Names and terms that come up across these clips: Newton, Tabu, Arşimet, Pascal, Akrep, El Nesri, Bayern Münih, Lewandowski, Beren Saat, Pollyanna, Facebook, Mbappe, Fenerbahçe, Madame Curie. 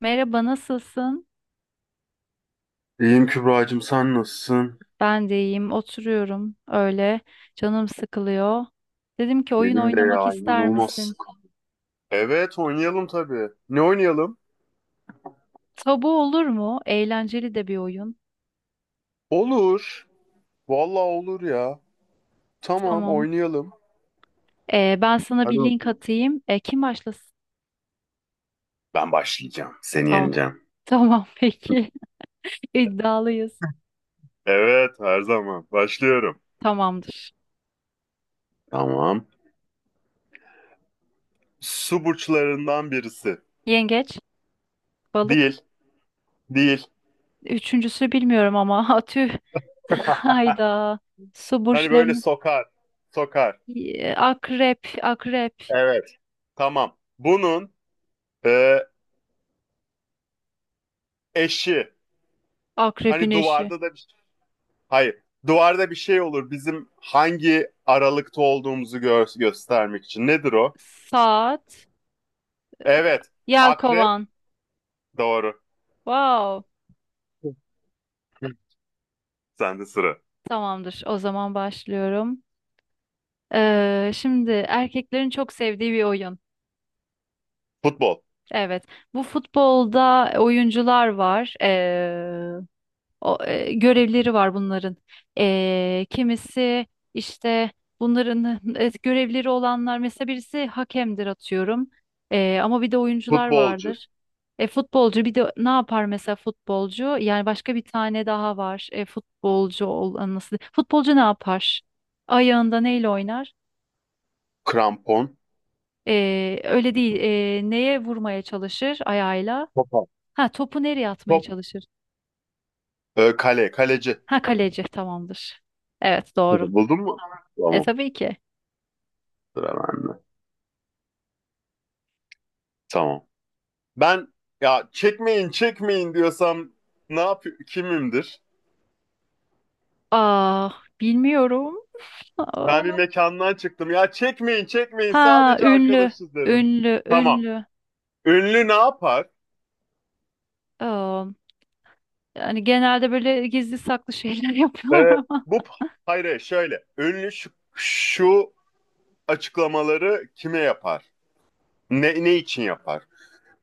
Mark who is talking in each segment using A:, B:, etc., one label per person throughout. A: Merhaba, nasılsın?
B: İyiyim Kübra'cığım, sen nasılsın?
A: Ben de iyiyim. Oturuyorum öyle. Canım sıkılıyor. Dedim ki oyun
B: Benim de
A: oynamak
B: ya,
A: ister
B: inanılmaz.
A: misin?
B: Evet, oynayalım tabii. Ne oynayalım?
A: Tabu olur mu? Eğlenceli de bir oyun.
B: Olur. Vallahi olur ya. Tamam,
A: Tamam.
B: oynayalım.
A: Ben sana
B: Hadi
A: bir link
B: bakalım.
A: atayım. Kim başlasın?
B: Ben başlayacağım. Seni
A: Tamam.
B: yeneceğim.
A: Tamam peki. İddialıyız.
B: Evet, her zaman. Başlıyorum.
A: Tamamdır.
B: Tamam. Su burçlarından birisi.
A: Yengeç, balık.
B: Değil. Değil.
A: Üçüncüsü bilmiyorum ama atü. Hayda. Su
B: Hani böyle
A: burçlarının.
B: sokar. Sokar.
A: Akrep, akrep.
B: Evet. Tamam. Bunun e, eşi.
A: Akrebin
B: Hani
A: eşi.
B: duvarda da bir Hayır. Duvarda bir şey olur. Bizim hangi aralıkta olduğumuzu göstermek için. Nedir o?
A: Saat.
B: Evet. Akrep.
A: Yelkovan.
B: Doğru.
A: Wow.
B: Sende sıra.
A: Tamamdır. O zaman başlıyorum. Şimdi erkeklerin çok sevdiği bir oyun.
B: Futbol.
A: Evet. Bu futbolda oyuncular var. Görevleri var bunların. Kimisi işte bunların görevleri olanlar mesela birisi hakemdir atıyorum. Ama bir de oyuncular
B: Futbolcu.
A: vardır. Futbolcu bir de ne yapar mesela futbolcu? Yani başka bir tane daha var. Futbolcu olan nasıl? Futbolcu ne yapar? Ayağında neyle oynar?
B: Krampon.
A: Öyle değil. Neye vurmaya çalışır ayağıyla?
B: Topa.
A: Ha, topu nereye atmaya
B: Top.
A: çalışır?
B: Kale. Kaleci.
A: Ha, kaleci tamamdır. Evet doğru.
B: Buldun mu?
A: E
B: Tamam.
A: tabii ki.
B: Sıra bende. Tamam. Ben, ya çekmeyin çekmeyin diyorsam ne yap kimimdir?
A: Aa, bilmiyorum. Aa.
B: Ben bir mekandan çıktım. Ya çekmeyin çekmeyin,
A: Ha,
B: sadece
A: ünlü,
B: arkadaşız dedim.
A: ünlü,
B: Tamam.
A: ünlü.
B: Ünlü ne yapar?
A: Aa, yani genelde böyle gizli saklı şeyler yapıyorlar
B: Ee,
A: ama.
B: Bu hayır, şöyle ünlü şu açıklamaları kime yapar? Ne için yapar?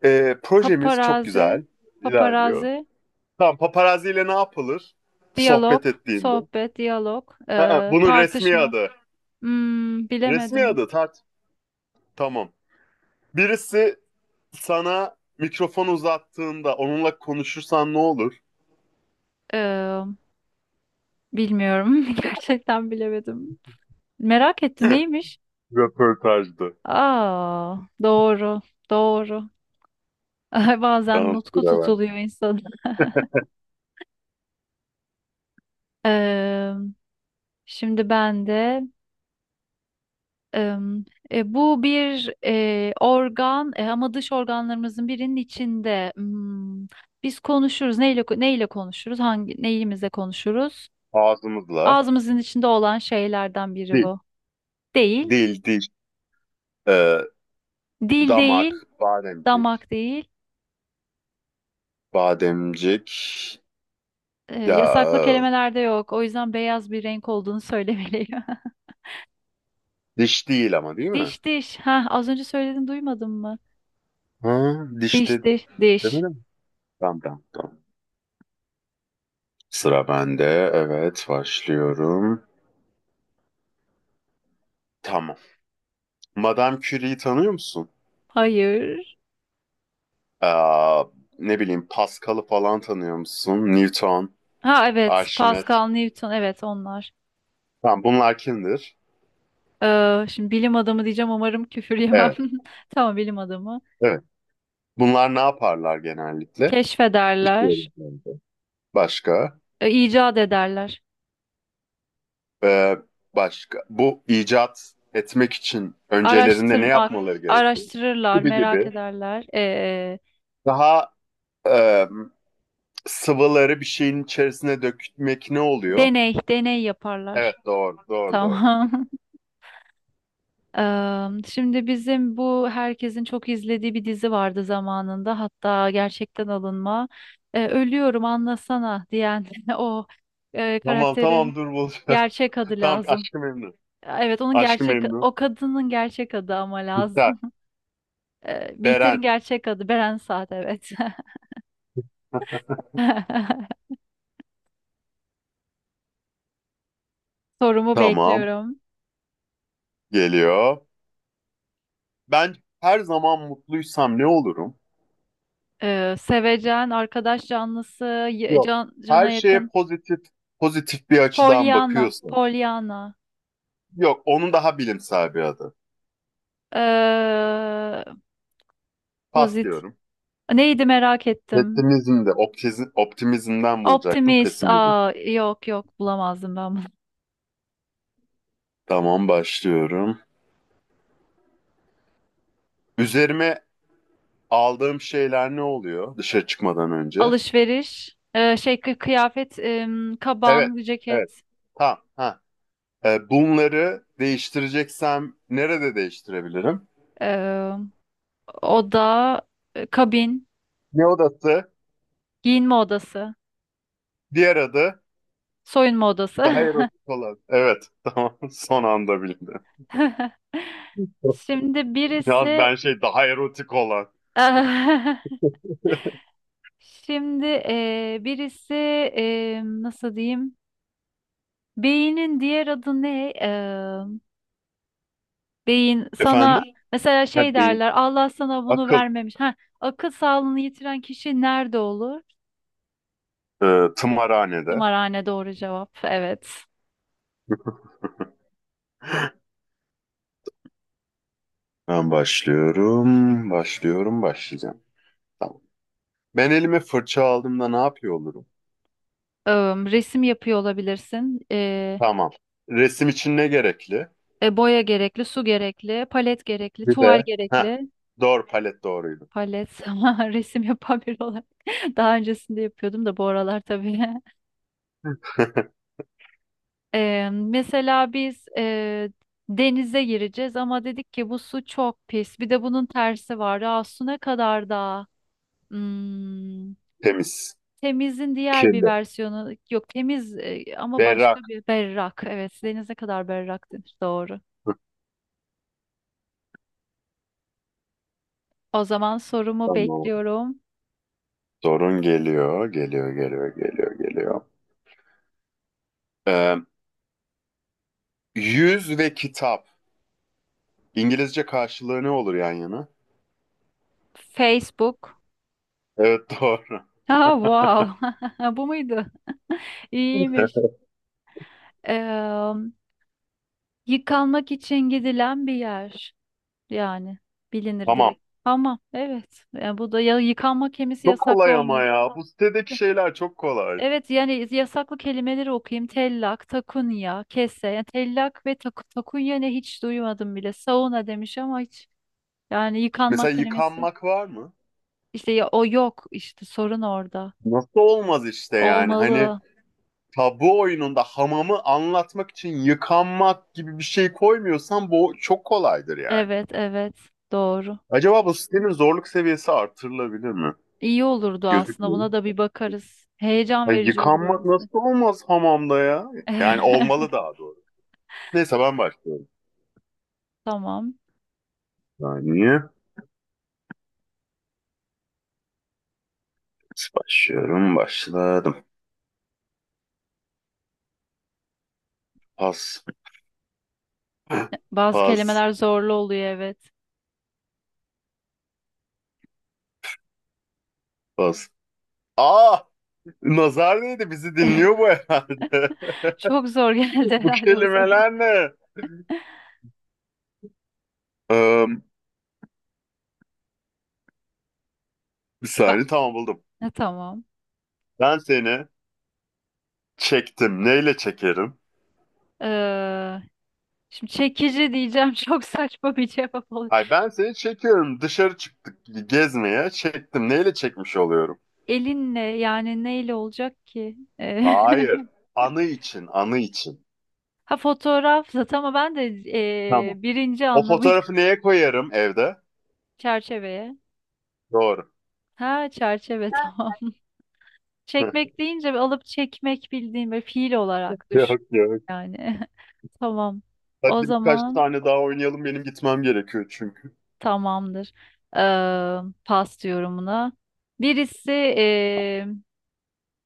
B: Projemiz çok
A: Paparazi,
B: güzel ilerliyor.
A: paparazi,
B: Tamam, paparazziyle ne yapılır? Sohbet
A: diyalog,
B: ettiğimde.
A: sohbet, diyalog,
B: Aa, bunun resmi
A: tartışma.
B: adı.
A: Hmm,
B: Resmi
A: bilemedim.
B: adı tart. Tamam. Birisi sana mikrofon uzattığında onunla konuşursan ne olur?
A: Ee, Bilmiyorum. Gerçekten bilemedim. Merak ettim neymiş?
B: Röportajdı.
A: Aa, doğru, doğru. Bazen
B: Tamam,
A: nutku
B: sıra ben.
A: tutuluyor insanın. Ee, Şimdi ben de. Em, Bu bir organ, ama dış organlarımızın birinin içinde. Biz konuşuruz. Neyle neyle konuşuruz? Hangi neyimizle konuşuruz?
B: Ağzımızla.
A: Ağzımızın içinde olan şeylerden biri
B: Dil.
A: bu. Değil.
B: Dil, dil. Ee,
A: Dil
B: Damak,
A: değil,
B: bademcik.
A: damak değil.
B: Bademcik.
A: Yasaklı
B: Ya
A: kelimelerde yok. O yüzden beyaz bir renk olduğunu söylemeliyim.
B: diş değil ama, değil mi?
A: Diş diş. Ha, az önce söyledin duymadın mı?
B: Ha,
A: Diş
B: dişte
A: diş diş.
B: demedim mi? Tamam tamam tamam. Sıra bende. Evet, başlıyorum. Tamam. Madame Curie'yi tanıyor musun?
A: Hayır.
B: Aa, ne bileyim, Pascal'ı falan tanıyor musun? Newton,
A: Ha, evet,
B: Arşimet.
A: Pascal, Newton evet onlar.
B: Tamam, bunlar kimdir?
A: Şimdi bilim adamı diyeceğim umarım küfür yemem.
B: Evet,
A: Tamam bilim adamı.
B: evet. Bunlar ne yaparlar genellikle? İşte öyle
A: Keşfederler,
B: bence. Başka?
A: icat ederler.
B: Ee, Başka, bu icat etmek için öncelerinde ne
A: Araştırmak,
B: yapmaları gerekiyor?
A: araştırırlar,
B: Gibi
A: merak
B: gibi.
A: ederler.
B: Daha e, sıvıları bir şeyin içerisine dökmek ne oluyor?
A: Deney, deney
B: Evet
A: yaparlar.
B: doğru doğru doğru.
A: Tamam. Şimdi bizim bu herkesin çok izlediği bir dizi vardı zamanında. Hatta gerçekten alınma. Ölüyorum anlasana diyen o
B: Tamam
A: karakterin
B: tamam dur bulacağım.
A: gerçek adı
B: Tamam,
A: lazım.
B: aşkı memnun.
A: Evet onun
B: Aşkı
A: gerçek
B: memnun.
A: o kadının gerçek adı ama
B: Biter.
A: lazım. Bihter'in
B: Beren.
A: gerçek adı Beren Saat evet. Sorumu
B: Tamam,
A: bekliyorum.
B: geliyor. Ben her zaman mutluysam ne olurum?
A: Sevecen, arkadaş canlısı,
B: Yok.
A: can, cana
B: Her şeye
A: yakın.
B: pozitif bir açıdan
A: Pollyanna,
B: bakıyorsun.
A: Pollyanna.
B: Yok, onun daha bilimsel bir adı.
A: Ee,
B: Pas
A: Pozit.
B: diyorum.
A: Neydi merak ettim.
B: Pesimizm de optimizmden bulacaktım.
A: Optimist.
B: Pesimizm.
A: Aa, yok yok bulamazdım ben bunu.
B: Tamam, başlıyorum. Üzerime aldığım şeyler ne oluyor dışarı çıkmadan önce?
A: Alışveriş. Şey kıyafet,
B: Evet,
A: kaban,
B: evet.
A: ceket.
B: Tamam. Ha. Bunları değiştireceksem nerede değiştirebilirim?
A: Ee, Oda, kabin.
B: Ne odası?
A: Giyinme odası,
B: Diğer adı
A: soyunma
B: daha
A: odası.
B: erotik olan. Evet, tamam. Son anda bildim.
A: Şimdi
B: Ya
A: birisi
B: ben şey, daha erotik olan.
A: Şimdi birisi nasıl diyeyim? Beynin diğer adı ne? Beyin sana
B: Efendim?
A: mesela
B: Ha,
A: şey
B: beyin.
A: derler, Allah sana bunu
B: Akıl.
A: vermemiş. Ha, akıl sağlığını yitiren kişi nerede olur?
B: Tımarhanede.
A: Tımarhane doğru cevap. Evet.
B: Ben başlayacağım. Tamam. Ben elime fırça aldığımda ne yapıyor olurum?
A: Eee, Resim yapıyor olabilirsin.
B: Tamam. Resim için ne gerekli?
A: Boya gerekli, su gerekli, palet gerekli,
B: Bir
A: tuval
B: de. Heh.
A: gerekli.
B: Doğru, palet doğruydu.
A: Palet ama resim yapan biri olarak daha öncesinde yapıyordum da bu aralar tabii. Mesela biz denize gireceğiz ama dedik ki bu su çok pis. Bir de bunun tersi var. Aa, su ne kadar da hmm,
B: Temiz.
A: temizin diğer bir
B: Kirli.
A: versiyonu yok, temiz ama
B: Berrak.
A: başka bir, berrak. Evet, deniz ne kadar berrak denir doğru. O zaman sorumu
B: Tamam.
A: bekliyorum.
B: Sorun geliyor. Ee, Yüz ve kitap. İngilizce karşılığı ne olur yan yana?
A: Facebook.
B: Evet doğru.
A: Ha, wow. Bu muydu? İyiymiş. Yıkanmak için gidilen bir yer yani bilinir
B: Tamam.
A: direkt. Ama evet yani bu da ya yıkanma kemisi
B: Çok
A: yasaklı
B: kolay ama
A: olmalı.
B: ya. Bu sitedeki şeyler çok kolay.
A: Evet yani yasaklı kelimeleri okuyayım. Tellak, takunya, kese. Yani tellak ve takunya ne, hiç duymadım bile. Sauna demiş ama hiç yani yıkanmak
B: Mesela
A: kelimesi.
B: yıkanmak var mı?
A: İşte ya o yok işte, sorun orada.
B: Nasıl olmaz işte, yani hani
A: Olmalı.
B: tabu oyununda hamamı anlatmak için yıkanmak gibi bir şey koymuyorsan bu çok kolaydır yani.
A: Evet evet doğru.
B: Acaba bu sitenin zorluk seviyesi artırılabilir mi?
A: İyi olurdu aslında,
B: Gözükmüyor.
A: buna da bir bakarız. Heyecan
B: Ay,
A: verici olur
B: yıkanmak
A: öylesi.
B: nasıl olmaz hamamda ya? Yani olmalı, daha doğru. Neyse ben başlıyorum.
A: Tamam.
B: Saniye. Başladım. Pas.
A: Bazı
B: Pas.
A: kelimeler zorlu oluyor evet.
B: Pas. Aa! Nazar değdi, bizi dinliyor bu herhalde.
A: Çok zor geldi
B: Bu
A: herhalde bu sefer.
B: kelimeler ne? Eee Bir
A: Ben...
B: saniye, tamam buldum.
A: Ha, tamam.
B: Ben seni çektim. Neyle çekerim?
A: Ee, Şimdi çekici diyeceğim çok saçma bir cevap olacak.
B: Ay ben seni çekiyorum. Dışarı çıktık gezmeye. Çektim. Neyle çekmiş oluyorum?
A: Elinle, yani neyle olacak ki?
B: Hayır. Anı için.
A: Ha, fotoğraf zaten ama ben de
B: Tamam.
A: birinci
B: O
A: anlamıyla
B: fotoğrafı neye koyarım evde?
A: çerçeveye.
B: Doğru.
A: Ha, çerçeve tamam. Çekmek deyince bir alıp çekmek, bildiğim bir fiil olarak düşün
B: Yok yok.
A: yani. Tamam.
B: Hadi
A: O
B: birkaç
A: zaman
B: tane daha oynayalım. Benim gitmem gerekiyor çünkü.
A: tamamdır. Eee Pas yorumuna. Birisi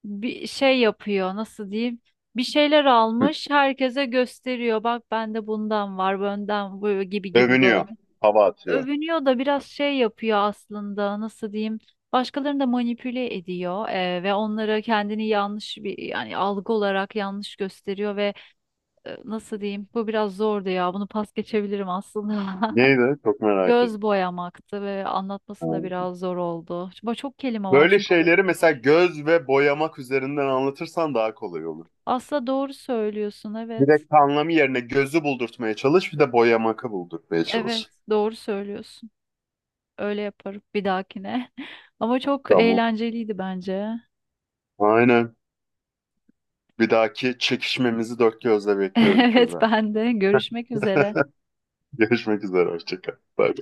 A: bir şey yapıyor, nasıl diyeyim? Bir şeyler almış herkese gösteriyor. Bak, bende bundan var, benden bu gibi gibi
B: Övünüyor.
A: böyle.
B: Hava atıyor.
A: Övünüyor da biraz şey yapıyor aslında, nasıl diyeyim? Başkalarını da manipüle ediyor ve onlara kendini yanlış bir, yani algı olarak yanlış gösteriyor ve nasıl diyeyim? Bu biraz zordu ya. Bunu pas geçebilirim aslında.
B: Neydi? Çok merak ettim.
A: Göz boyamaktı ve anlatması da biraz zor oldu. Çok, çok kelime var
B: Böyle
A: çünkü oraya
B: şeyleri
A: gelene
B: mesela
A: kadar.
B: göz ve boyamak üzerinden anlatırsan daha kolay olur.
A: Aslında doğru söylüyorsun evet.
B: Direkt anlamı yerine gözü buldurtmaya çalış, bir de boya maka buldurtmaya
A: Evet
B: çalış.
A: doğru söylüyorsun. Öyle yaparım bir dahakine. Ama çok
B: Tamam.
A: eğlenceliydi bence.
B: Aynen. Bir dahaki çekişmemizi dört gözle bekliyorum
A: Evet
B: Kübra.
A: ben de. Görüşmek üzere.
B: Görüşmek üzere, hoşça kal. Bye.